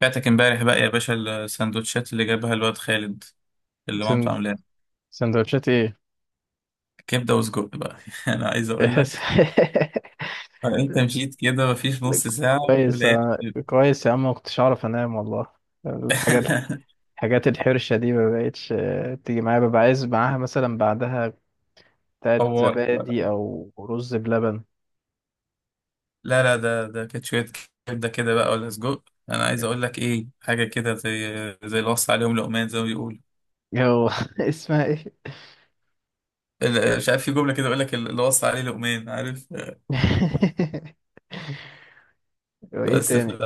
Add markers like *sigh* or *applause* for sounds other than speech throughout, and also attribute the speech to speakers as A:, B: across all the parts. A: فاتك امبارح بقى يا باشا، السندوتشات اللي جابها الواد خالد اللي مامته
B: سن-
A: عاملاها
B: سندوتشات ايه؟
A: كبده وسجق بقى. *laughs* انا عايز
B: *laughs*
A: اقول
B: إحس-
A: لك، انت مشيت كده مفيش نص ساعه
B: كويس،
A: ولقيت
B: أنا
A: *laughs*
B: كويس يا عم، ما كنتش اعرف انام والله. الحاجات الحاجات الحرشة دي ما بقتش. تيجي معايا ببقى عايز معاها مثلا بعدها بتاعت
A: فورت
B: زبادي
A: بقى.
B: او رز بلبن.
A: لا لا، ده كانت شويه، كبده كده بقى ولا سجق. انا عايز اقول لك ايه، حاجه كده زي اللي وصى عليهم لقمان، زي ما بيقولوا
B: جو. *laughs* اسمها ايه؟
A: مش عارف، في جمله كده يقول لك اللي وصى عليه لقمان، عارف؟
B: *laughs* وايه
A: بس
B: تاني؟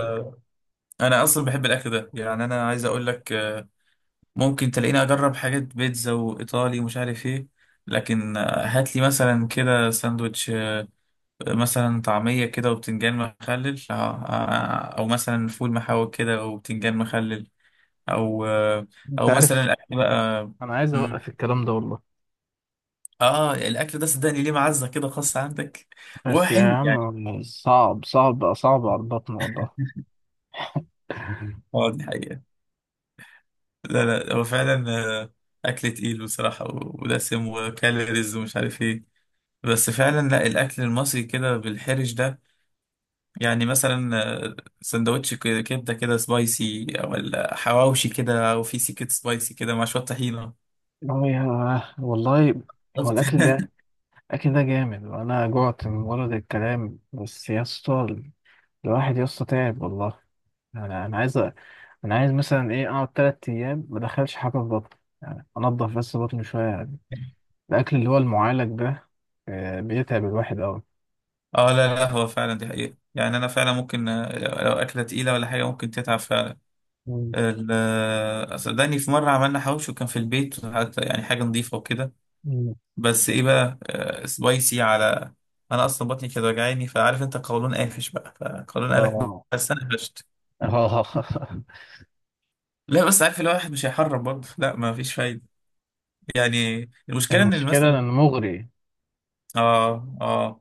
A: انا اصلا بحب الاكل ده، يعني انا عايز اقول لك ممكن تلاقيني اجرب حاجات بيتزا وايطالي ومش عارف ايه. لكن هات لي مثلا كده ساندوتش، مثلا طعمية كده وبتنجان مخلل، او مثلا فول محاوي كده وبتنجان مخلل، او
B: انت
A: او مثلا
B: عارف،
A: الاكل بقى.
B: انا عايز
A: مم.
B: اوقف الكلام ده والله.
A: اه، الاكل ده صدقني ليه معزة كده خاصة عندك. وهو
B: بس يا
A: حلو
B: عم
A: يعني.
B: والله صعب صعب صعب على البطن والله. *laughs*
A: اه، دي حقيقة. لا لا، هو فعلا آه، اكل تقيل بصراحة، ودسم وكالوريز ومش عارف ايه. بس فعلا لا، الاكل المصري كده بالحرش ده يعني مثلا، سندوتش كبده كده سبايسي، او حواوشي كده، او في سكه سبايسي كده مع شويه طحينه.
B: هو يا، والله، هو
A: شفت؟
B: الاكل
A: *laughs*
B: ده أكيد ده جامد، وأنا جعت من ورد الكلام بس يا اسطى. الواحد يا اسطى تعب والله. أنا عايز أنا عايز مثلا إيه أقعد 3 أيام ما أدخلش حاجة في بطني، يعني أنضف بس بطني شوية يعني. الأكل اللي هو المعالج ده بيتعب الواحد أوي.
A: اه لا لا، هو فعلا دي حقيقه. يعني انا فعلا ممكن لو اكله تقيله ولا حاجه ممكن تتعب فعلا.
B: مم.
A: صدقني في مره عملنا حواوشي وكان في البيت، حتى يعني حاجه نظيفه وكده،
B: مم.
A: بس ايه بقى، سبايسي على. انا اصلا بطني كانت وجعاني، فعارف انت قولون قافش بقى، فقولون قالك.
B: آه.
A: بس انا قفشت.
B: آه. *laughs*
A: لا بس، عارف الواحد مش هيحرم برضه، لا ما فيش فايده. يعني المشكله ان
B: المشكلة
A: مثلا،
B: إنه مغري.
A: اه اه،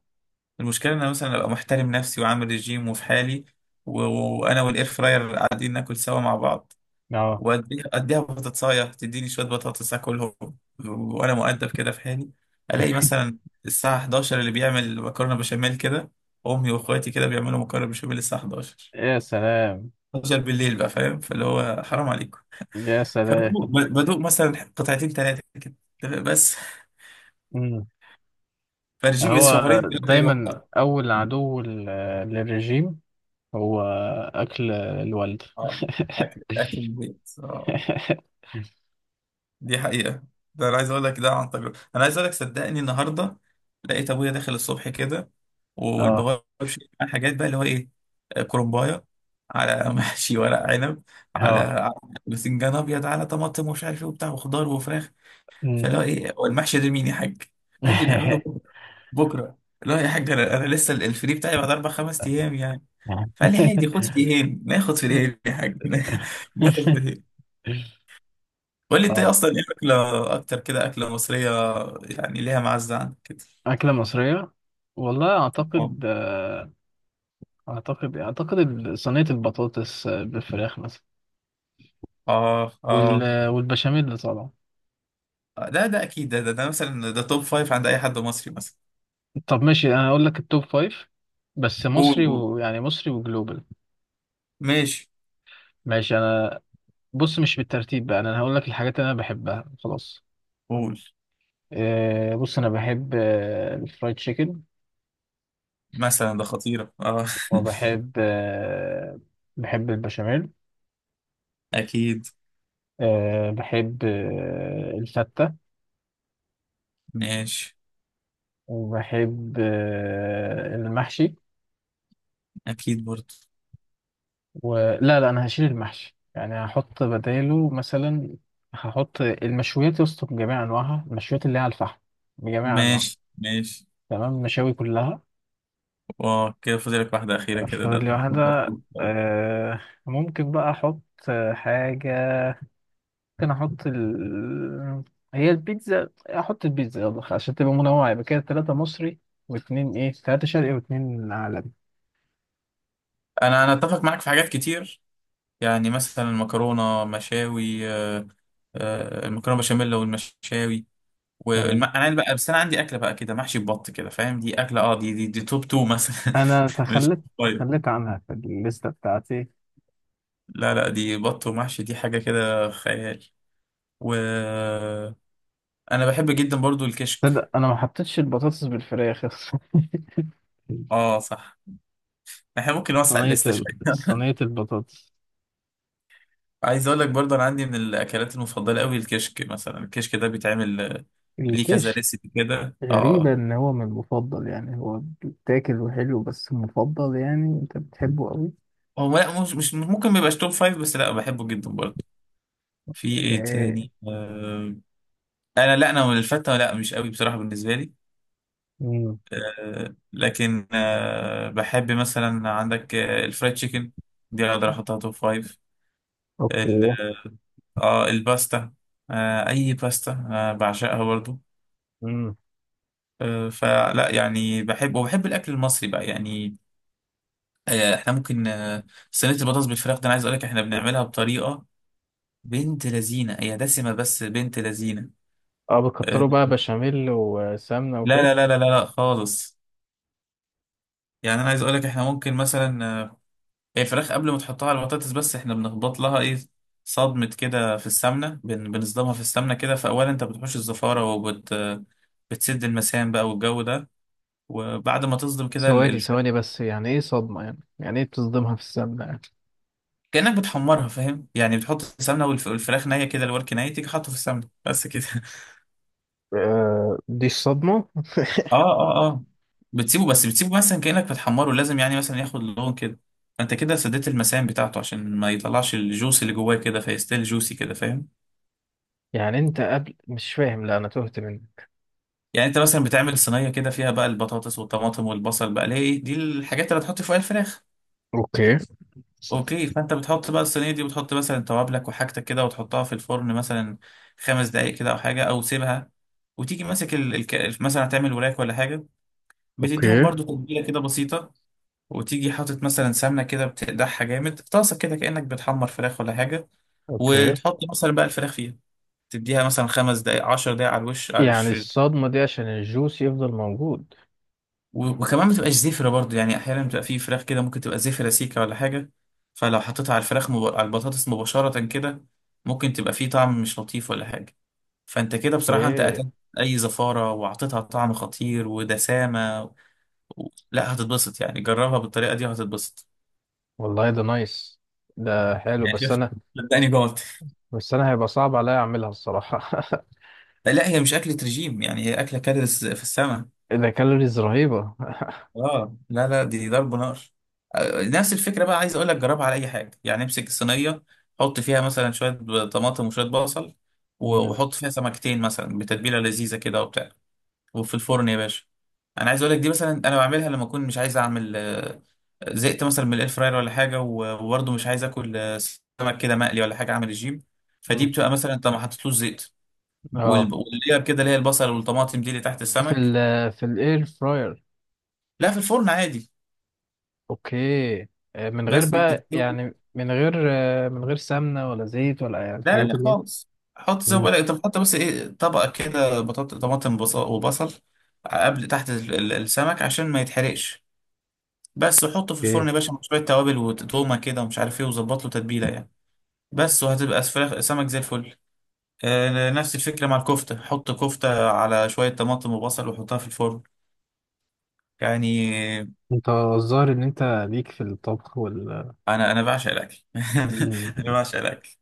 A: المشكله ان انا مثلا ابقى محترم نفسي وعامل ريجيم وفي حالي، و- وانا والاير فراير قاعدين ناكل سوا مع بعض،
B: آه.
A: واديها اديها بطاطسايه تديني شويه بطاطس اكلهم، وانا مؤدب كده في حالي. الاقي مثلا الساعه 11 اللي بيعمل مكرونه بشاميل كده، امي واخواتي كده بيعملوا مكرونه بشاميل الساعه 11،
B: يا سلام.
A: 11 بالليل بقى، فاهم؟ فاللي هو حرام عليكم.
B: يا
A: فبدوق
B: سلام.
A: بدوق مثلا قطعتين ثلاثه كده بس،
B: مم.
A: فرجيب
B: هو
A: شهرين ثلاثه يروح.
B: دايما أول عدو للرجيم هو أكل الوالد.
A: اه، اكل اكل البيت اه،
B: *laughs*
A: دي حقيقة. ده انا عايز اقول لك ده عن تجربة، انا عايز اقول لك صدقني النهاردة لقيت ابويا داخل الصبح كده،
B: اه،
A: والبهار شايل معاه حاجات بقى، اللي هو ايه، كرنباية، على *laughs* محشي ورق عنب، على
B: اه.
A: على باذنجان ابيض، على طماطم ومش عارف ايه وبتاع وخضار وفراخ.
B: مم.
A: فاللي هو ايه، هو المحشي ده مين يا حاج؟ قال لي نعمله بكره بكره. لا يا حاج، انا لسه الفري بتاعي بعد اربع خمس ايام يعني. فقال لي عادي خد في ايه، ناخد في ايه
B: *laughs*
A: يا حاج، *laughs* ناخد في ايه. قول لي انت ايه
B: اه.
A: اصلا ايه اكله اكتر كده، اكله مصريه يعني، ليها معزه عندك كده.
B: أكلة مصرية، والله
A: اه
B: أعتقد. أعتقد صينية البطاطس بالفراخ مثلا.
A: اه اه،
B: وال... والبشاميل طبعا.
A: ده اكيد ده مثلا ده توب فايف عند اي حد مصري مثلا.
B: طب ماشي، أنا هقول لك التوب فايف بس
A: قول
B: مصري،
A: قول
B: ويعني مصري وجلوبال.
A: ماشي
B: ماشي. أنا بص، مش بالترتيب بقى، أنا هقول لك الحاجات اللي أنا بحبها خلاص.
A: قول،
B: بص أنا بحب الفرايد تشيكن.
A: مثلا ده خطيره اه.
B: وبحب آه، بحب البشاميل.
A: *laughs* اكيد.
B: بحب الفتة.
A: ماشي.
B: وبحب المحشي.
A: اكيد برضه.
B: ولا لا، لا، أنا هشيل المحشي، يعني هحط بداله مثلا هحط المشويات يا اسطى بجميع أنواعها، المشويات اللي هي على الفحم بجميع أنواعها.
A: ماشي ماشي.
B: تمام، المشاوي كلها.
A: وكده فاضلك واحده اخيره كده، ده
B: فاضل لي
A: دكتور
B: واحدة.
A: مقبول طيب.
B: آه، ممكن بقى أحط حاجة، ممكن احط هي البيتزا، احط البيتزا، يلا عشان تبقى منوعة. يبقى كده ثلاثة مصري واثنين ايه ثلاثة شرقي واثنين عالمي.
A: انا اتفق معاك في حاجات كتير. يعني مثلا المكرونه مشاوي، المكرونه بشاميل والمشاوي
B: تمام.
A: انا بقى، بس انا عندي اكله بقى كده محشي ببط كده، فاهم؟ دي اكله، اه دي توب تو مثلا
B: انا
A: *laughs* مش.
B: تخلت
A: طيب
B: تخليت عنها في الليستة بتاعتي.
A: لا لا، دي بط ومحشي، دي حاجه كده خيال. و انا بحب جدا برضو الكشك.
B: تصدق انا ما حطيتش البطاطس بالفراخ؟ *laughs*
A: اه صح، احنا ممكن نوسع الليسته شويه.
B: صينية البطاطس.
A: *laughs* عايز اقول لك برضو انا عندي من الاكلات المفضله قوي الكشك، مثلا الكشك ده بيتعمل ليه كذا
B: الكشك.
A: ريسيبي كده
B: غريبة
A: اه.
B: ان هو من المفضل، يعني هو بيتاكل وحلو، بس مفضل، يعني انت بتحبه قوي؟
A: هو لا، مش ممكن ما يبقاش توب فايف بس، لا بحبه جدا برضو. في ايه
B: اوكي.
A: تاني؟ انا لا، انا الفتة لا مش قوي بصراحة بالنسبة لي.
B: مم.
A: لكن بحب مثلا عندك الفرايد تشيكن، دي اقدر احطها توب فايف. ال-
B: اوكي.
A: اه الباستا، اي باستا بعشقها برضو.
B: مم.
A: فلا يعني بحب، وبحب الاكل المصري بقى يعني. احنا ممكن صينية البطاطس بالفراخ ده، انا عايز اقول لك احنا بنعملها بطريقة، بنت لذينة، هي دسمة بس بنت لذينة.
B: اه،
A: آه،
B: بتكتروا بقى بشاميل وسمنة
A: لا
B: وكده.
A: لا لا لا لا لا خالص. يعني انا عايز اقول لك احنا ممكن مثلا هي الفراخ قبل ما تحطها على البطاطس، بس احنا بنخبط لها ايه، صدمة كده في السمنة، بنصدمها في السمنة كده. فأولا انت بتحوش الزفارة، بتسد المسام بقى والجو ده. وبعد ما تصدم كده
B: ثواني
A: الفراخ،
B: ثواني بس، يعني ايه صدمة؟ يعني ايه بتصدمها في السمنة يعني؟
A: كأنك بتحمرها فاهم، يعني بتحط السمنة والفراخ نية كده، الورك نية تيجي حاطه في السمنة بس كده. *laughs*
B: آه، دي صدمة.
A: اه اه اه، بتسيبه بس بتسيبه مثلا، كأنك بتحمره لازم يعني مثلا ياخد لون كده. فانت كده سديت المسام بتاعته عشان ما يطلعش الجوس اللي جواه كده، فيستيل جوسي كده، فاهم.
B: *laughs* يعني انت قبل مش فاهم، لا انا تهت منك.
A: يعني انت مثلا بتعمل صينيه كده فيها بقى البطاطس والطماطم والبصل بقى، ليه دي الحاجات اللي هتحط فيها الفراخ.
B: اوكي،
A: اوكي، فانت بتحط بقى الصينيه دي، وتحط مثلا توابلك وحاجتك كده، وتحطها في الفرن مثلا خمس دقائق كده او حاجه او سيبها. وتيجي ماسك مثلا هتعمل وراك ولا حاجه، بتديهم
B: اوكي،
A: برضو تتبيله كده بسيطه. وتيجي حاطط مثلا سمنه كده، بتقدحها جامد في طاسه كده، كانك بتحمر فراخ ولا حاجه.
B: اوكي.
A: وتحط مثلا بقى الفراخ فيها، تديها مثلا خمس دقائق عشر دقائق على الوش،
B: يعني الصدمة دي عشان الجوس يفضل موجود؟
A: وكمان ما تبقاش زفرة برضو. يعني احيانا بتبقى في فراخ كده ممكن تبقى زفرة سيكة ولا حاجة. فلو حطيتها على الفراخ، على البطاطس مباشرة كده، ممكن تبقى فيه طعم مش لطيف ولا حاجة. فانت كده بصراحة انت
B: ايه؟
A: قتلت اي زفارة، واعطيتها طعم خطير ودسامة و... لا هتتبسط يعني، جربها بالطريقة دي وهتتبسط.
B: والله ده نايس، ده حلو.
A: يعني
B: بس
A: شفت،
B: انا
A: صدقني جوعت.
B: بس انا هيبقى صعب عليا اعملها الصراحة.
A: لا هي مش أكلة رجيم يعني، هي أكلة كالوريز في السماء.
B: *laughs* ده كالوريز رهيبة.
A: اه لا لا، دي ضرب نار. نفس الفكره بقى، عايز اقول لك جربها على اي حاجه. يعني امسك الصينيه، حط فيها مثلا شويه طماطم وشويه بصل،
B: *laughs* مم.
A: وحط فيها سمكتين مثلا بتتبيله لذيذه كده وبتاع، وفي الفرن يا باشا. انا عايز اقول لك دي مثلا انا بعملها لما اكون مش عايز اعمل زهقت مثلا من الاير فراير ولا حاجه، وبرضه مش عايز اكل سمك كده مقلي ولا حاجه، اعمل الجيم. فدي
B: مم.
A: بتبقى مثلا انت ما حطيتلوش زيت،
B: اه،
A: واللير كده اللي هي البصل والطماطم دي اللي تحت
B: في
A: السمك.
B: ال في الاير فراير.
A: لا في الفرن عادي.
B: اوكي. من غير
A: بس
B: بقى، يعني من غير من غير سمنة ولا زيت، ولا يعني
A: لا لا
B: الحاجات
A: لا
B: اللي جاية.
A: خالص، حط زي ما
B: مم.
A: بقولك، انت بتحط بس ايه، طبقه كده بطاطا طماطم بصل وبصل قبل تحت السمك، عشان ما يتحرقش بس. وحطه في الفرن
B: اوكي.
A: يا باشا، مع شويه توابل وتومه كده ومش عارف ايه، وظبط له تتبيله يعني، بس. وهتبقى فراخ سمك زي الفل. نفس الفكره مع الكفته، حط كفته على شويه طماطم وبصل وحطها في الفرن يعني.
B: انت الظاهر ان انت ليك في الطبخ وال...
A: انا بعشق الاكل.
B: مم.
A: *laughs* انا بعشق الاكل.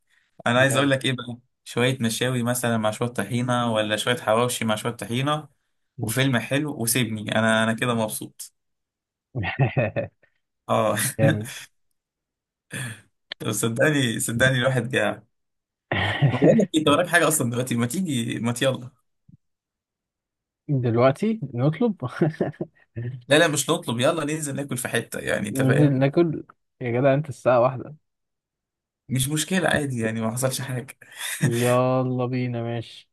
A: انا عايز اقول
B: جامد.
A: لك ايه بقى، شويه مشاوي مثلا مع شويه طحينه، ولا شويه حواوشي مع شويه طحينه،
B: مم.
A: وفيلم حلو، وسيبني انا كده مبسوط.
B: *laughs*
A: اه
B: جامد.
A: *laughs* طب صدقني صدقني الواحد جاع. بقول لك انت
B: *laughs*
A: وراك حاجه اصلا دلوقتي، ما تيجي، ما يلا.
B: دلوقتي نطلب؟ *laughs*
A: لا لا مش نطلب، يلا ننزل ناكل في حته يعني، انت
B: ننزل
A: فاهم.
B: ناكل؟ يا جدع انت الساعة واحدة.
A: مش مشكله، عادي يعني، ما حصلش حاجه.
B: يلا بينا، ماشي.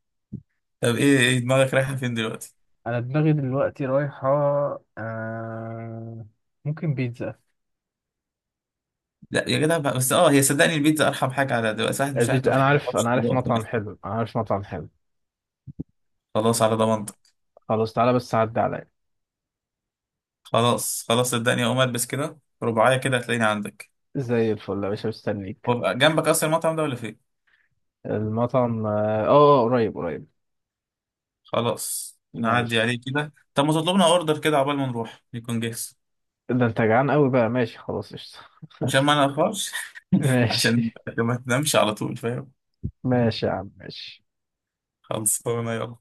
A: *laughs* طب ايه دماغك رايحه فين دلوقتي؟
B: انا دماغي دلوقتي رايحة آه... ممكن بيتزا.
A: لا يا جدع بقى بس، اه هي صدقني البيتزا ارحم حاجه على دلوقتي، واحد مش
B: البيتزا،
A: هاكل
B: انا
A: حاجه
B: عارف
A: معرفش
B: انا عارف
A: دلوقتي
B: مطعم
A: مثلاً.
B: حلو، انا عارف مطعم حلو.
A: خلاص على ضمانتك.
B: خلاص، تعالى بس عدى عليا.
A: خلاص خلاص صدقني اقوم البس كده رباعيه كده، هتلاقيني عندك.
B: زي الفل يا باشا، مستنيك.
A: هو بقى جنبك اصلا المطعم ده، ولا فين؟
B: المطعم، قريب قريب.
A: خلاص نعدي
B: ماشي.
A: عليه كده. طب ما تطلبنا اوردر كده، عقبال ما نروح يكون جاهز.
B: ده انت جعان قوي بقى، ماشي خلاص، قشطة.
A: عشان ما
B: *laughs*
A: نأخرش. *laughs* عشان
B: ماشي،
A: عشان ما تنامش على طول، فاهم.
B: ماشي يا عم، ماشي.
A: خلصانه يلا.